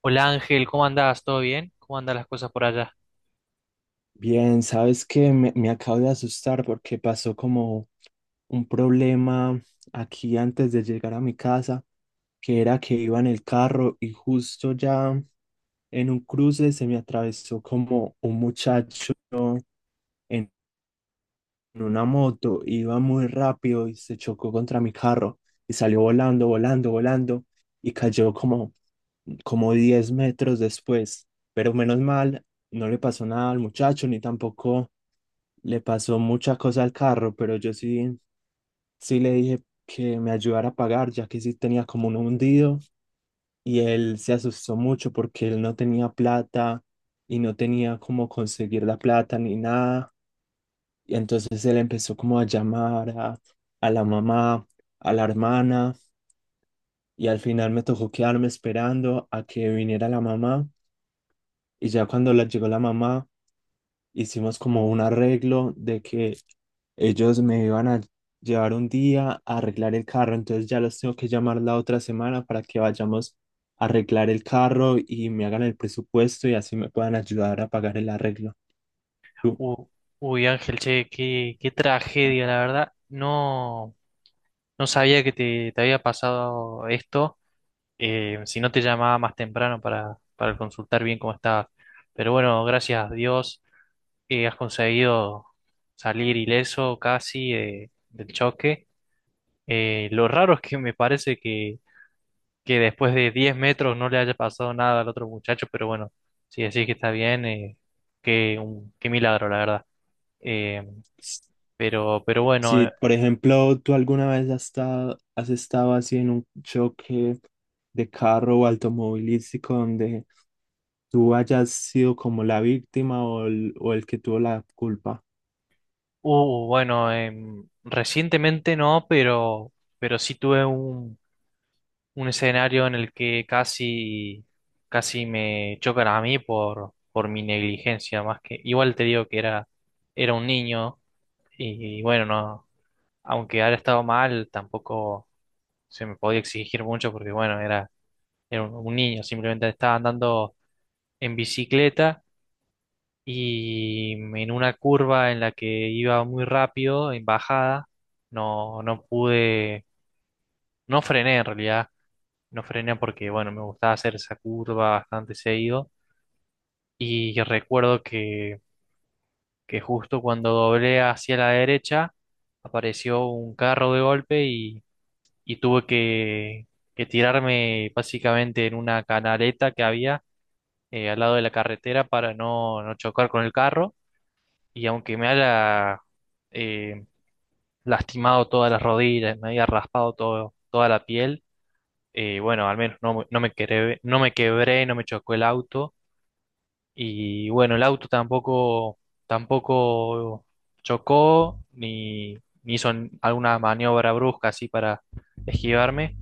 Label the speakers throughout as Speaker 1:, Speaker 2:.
Speaker 1: Hola Ángel, ¿cómo andás? ¿Todo bien? ¿Cómo andan las cosas por allá?
Speaker 2: Bien, sabes que me acabo de asustar porque pasó como un problema aquí antes de llegar a mi casa, que era que iba en el carro y justo ya en un cruce se me atravesó como un muchacho en una moto. Iba muy rápido y se chocó contra mi carro y salió volando, volando, volando y cayó como 10 metros después, pero menos mal, no le pasó nada al muchacho ni tampoco le pasó mucha cosa al carro, pero yo sí le dije que me ayudara a pagar, ya que sí tenía como un hundido, y él se asustó mucho porque él no tenía plata y no tenía cómo conseguir la plata ni nada. Y entonces él empezó como a a la mamá, a la hermana, y al final me tocó quedarme esperando a que viniera la mamá. Y ya cuando llegó la mamá hicimos como un arreglo de que ellos me iban a llevar un día a arreglar el carro. Entonces ya los tengo que llamar la otra semana para que vayamos a arreglar el carro y me hagan el presupuesto y así me puedan ayudar a pagar el arreglo. Tú,
Speaker 1: U- Uy, Ángel, che, qué tragedia, la verdad. No, no sabía que te había pasado esto. Si no te llamaba más temprano para consultar bien cómo estabas. Pero bueno, gracias a Dios, has conseguido salir ileso casi, del choque. Lo raro es que me parece que después de 10 metros no le haya pasado nada al otro muchacho, pero bueno, si decís que está bien, qué milagro, la verdad. Eh, pero bueno.
Speaker 2: si por ejemplo tú alguna vez has estado así en un choque de carro o automovilístico donde tú hayas sido como la víctima o o el que tuvo la culpa.
Speaker 1: Bueno, recientemente no, pero sí tuve un escenario en el que casi, casi me chocan a mí por mi negligencia, más que, igual te digo que era un niño. Y, bueno, no, aunque haya estado mal, tampoco se me podía exigir mucho porque, bueno, era un niño, simplemente estaba andando en bicicleta. Y en una curva en la que iba muy rápido, en bajada, no, no pude, no frené en realidad, no frené porque, bueno, me gustaba hacer esa curva bastante seguido. Y recuerdo que justo cuando doblé hacia la derecha apareció un carro de golpe y tuve que tirarme básicamente en una canaleta que había al lado de la carretera para no, no chocar con el carro. Y aunque me haya eh, lastimado todas las rodillas, me haya raspado todo, toda la piel, bueno, al menos no, no me quebré, no me chocó el auto. Y bueno, el auto tampoco chocó ni hizo alguna maniobra brusca así para esquivarme.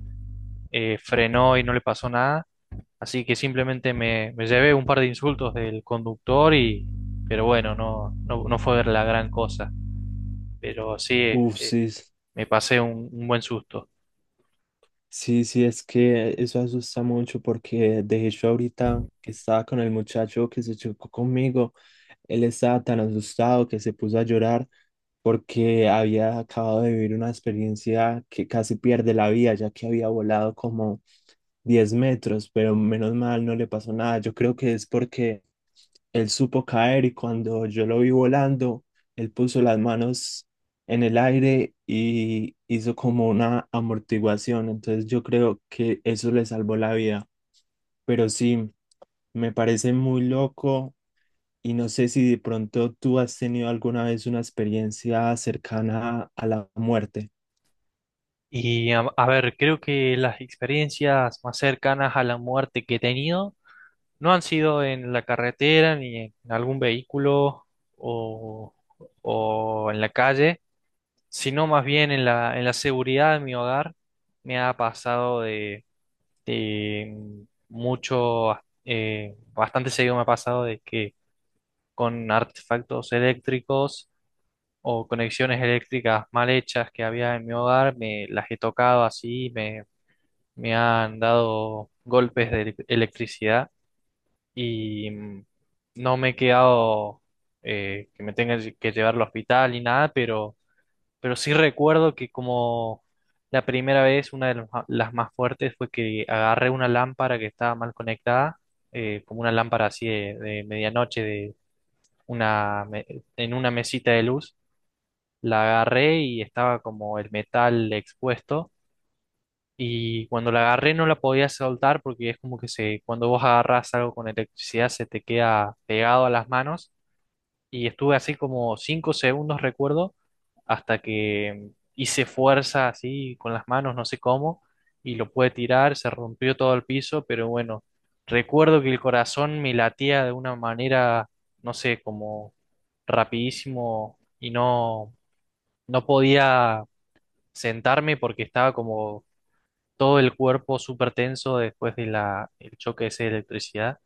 Speaker 1: Frenó y no le pasó nada. Así que simplemente me llevé un par de insultos del conductor pero bueno, no, no, no fue la gran cosa. Pero sí,
Speaker 2: Uf, sí.
Speaker 1: me pasé un buen susto.
Speaker 2: Sí, sí, es que eso asusta mucho porque de hecho ahorita que estaba con el muchacho que se chocó conmigo. Él estaba tan asustado que se puso a llorar porque había acabado de vivir una experiencia que casi pierde la vida, ya que había volado como 10 metros, pero menos mal no le pasó nada. Yo creo que es porque él supo caer, y cuando yo lo vi volando, él puso las manos en el aire y hizo como una amortiguación. Entonces yo creo que eso le salvó la vida. Pero sí, me parece muy loco, y no sé si de pronto tú has tenido alguna vez una experiencia cercana a la muerte.
Speaker 1: Y a ver, creo que las experiencias más cercanas a la muerte que he tenido no han sido en la carretera ni en algún vehículo, o, o en la calle, sino más bien en la seguridad de mi hogar. Me ha pasado de, eh, mucho, bastante seguido me ha pasado de que con artefactos eléctricos o conexiones eléctricas mal hechas que había en mi hogar, me las he tocado así, me han dado golpes de electricidad. Y no me he quedado, que me tenga que llevar al hospital y nada, pero sí recuerdo que como la primera vez, una de las, las más fuertes, fue que agarré una lámpara que estaba mal conectada, como una lámpara así de medianoche, una, me- en una mesita de luz. La agarré y estaba como el metal expuesto. Y cuando la agarré no la podía soltar porque es como que cuando vos agarrás algo con electricidad se te queda pegado a las manos. Y estuve así como 5 segundos, recuerdo, hasta que hice fuerza así con las manos, no sé cómo, y lo pude tirar, se rompió todo el piso, pero bueno, recuerdo que el corazón me latía de una manera, no sé, como rapidísimo, y no, no podía sentarme porque estaba como todo el cuerpo súper tenso después de el choque ese de electricidad.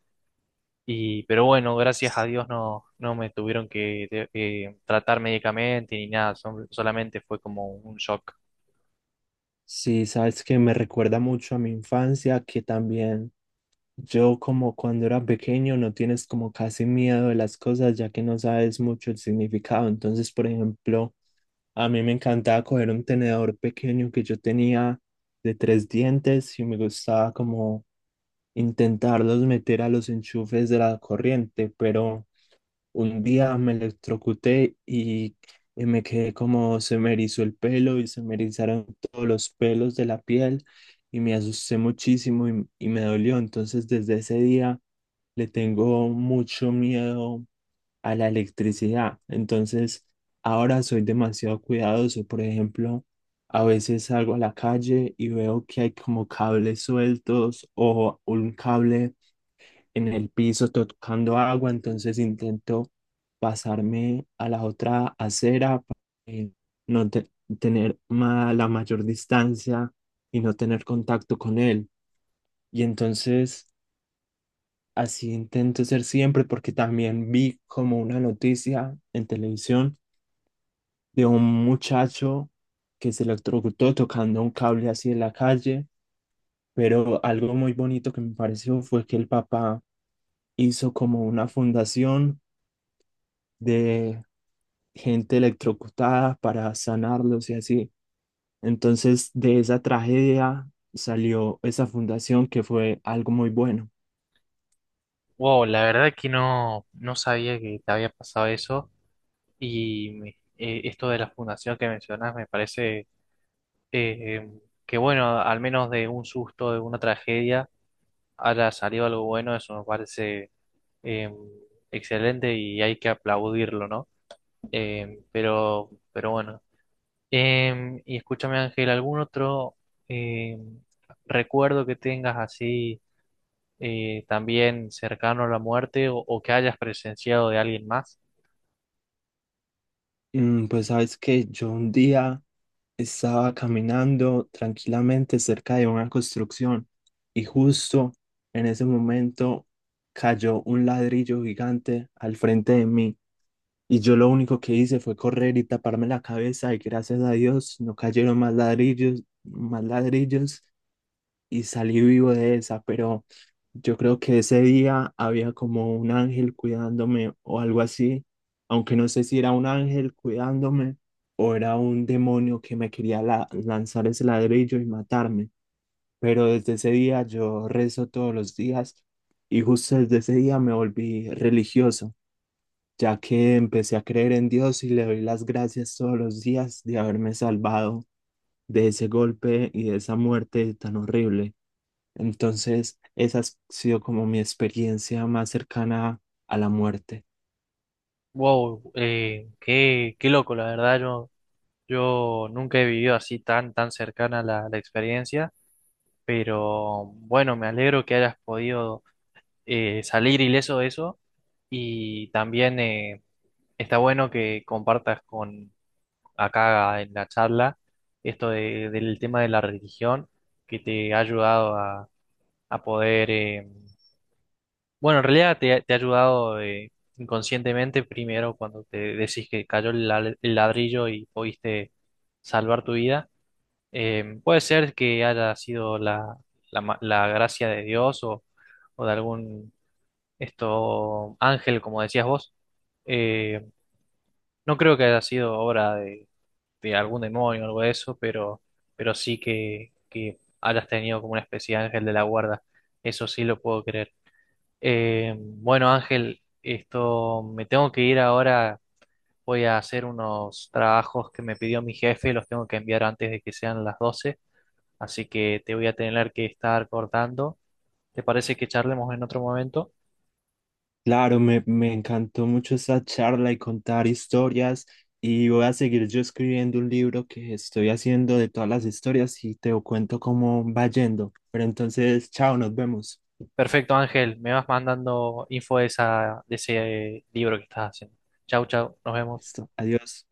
Speaker 1: Pero bueno, gracias a Dios no, no me tuvieron que, tratar médicamente ni nada, solamente fue como un shock.
Speaker 2: Sí, sabes que me recuerda mucho a mi infancia, que también yo como cuando era pequeño no tienes como casi miedo de las cosas, ya que no sabes mucho el significado. Entonces, por ejemplo, a mí me encantaba coger un tenedor pequeño que yo tenía de 3 dientes, y me gustaba como intentarlos meter a los enchufes de la corriente, pero... Un día me y me quedé como, se me erizó el pelo y se me erizaron todos los pelos de la piel, y me asusté muchísimo y me dolió. Entonces desde ese día le tengo mucho miedo a la electricidad. Entonces ahora soy demasiado cuidadoso. Por ejemplo, a veces salgo a la calle y veo que hay como cables sueltos o un cable en el piso tocando agua, entonces intento pasarme a la otra acera para eh, no te- tener la mayor distancia y no tener contacto con él. Y entonces así intento ser siempre, porque también vi como una noticia en televisión de un muchacho que se electrocutó tocando un cable así en la calle, pero algo muy bonito que me pareció fue que el papá hizo como una fundación de gente electrocutada para sanarlos y así. Entonces, de esa tragedia salió esa fundación que fue algo muy bueno.
Speaker 1: Wow, la verdad que no, no sabía que te había pasado eso. Y esto de la fundación que mencionas me parece, eh, em, que bueno, al menos de un susto, de una tragedia, haya salido algo bueno. Eso me parece eh, excelente y hay que aplaudirlo, ¿no? Pero bueno. Y escúchame, Ángel, ¿algún otro, em, recuerdo que tengas así, también cercano a la muerte, o que hayas presenciado de alguien más?
Speaker 2: Mm, pues sabes que yo un día estaba caminando tranquilamente cerca de una construcción, y justo en ese momento cayó un ladrillo gigante al frente de mí, y yo lo único que hice fue correr y taparme la cabeza, y gracias a Dios no cayeron más ladrillos, y salí vivo de esa. Pero yo creo que ese día había como un ángel cuidándome o algo así, aunque no sé si era un ángel cuidándome o era un demonio que me quería lanzar ese ladrillo y matarme. Pero desde ese día yo rezo todos los días, y justo desde ese día me volví religioso, ya que empecé a creer en Dios y le doy las gracias todos los días de haberme salvado de ese golpe y de esa muerte tan horrible. Entonces, esa ha sido como mi experiencia más cercana a la muerte.
Speaker 1: Wow, qué loco, la verdad, yo nunca he vivido así tan cercana la experiencia, pero bueno, me alegro que hayas podido salir ileso de eso. Y también está bueno que compartas con acá en la charla, del tema de la religión que te ha ayudado a poder, bueno, en realidad te ha ayudado inconscientemente, primero cuando te decís que cayó el ladrillo y pudiste salvar tu vida. Puede ser que haya sido la gracia de Dios, o de algún, esto ángel, como decías vos. Eh, no creo que haya sido obra de algún demonio o algo de eso, pero, sí que hayas tenido como una especie de ángel de la guarda. Eso sí lo puedo creer. Bueno, Ángel, esto me tengo que ir ahora. Voy a hacer unos trabajos que me pidió mi jefe, los tengo que enviar antes de que sean las 12, así que te voy a tener que estar cortando. ¿Te parece que charlemos en otro momento?
Speaker 2: Claro, me encantó mucho esta charla y contar historias, y voy a seguir yo escribiendo un libro que estoy haciendo de todas las historias y te cuento cómo va yendo. Pero entonces, chao, nos vemos.
Speaker 1: Perfecto, Ángel, me vas mandando info de de ese libro que estás haciendo. Chau, chau, nos vemos.
Speaker 2: Listo, adiós.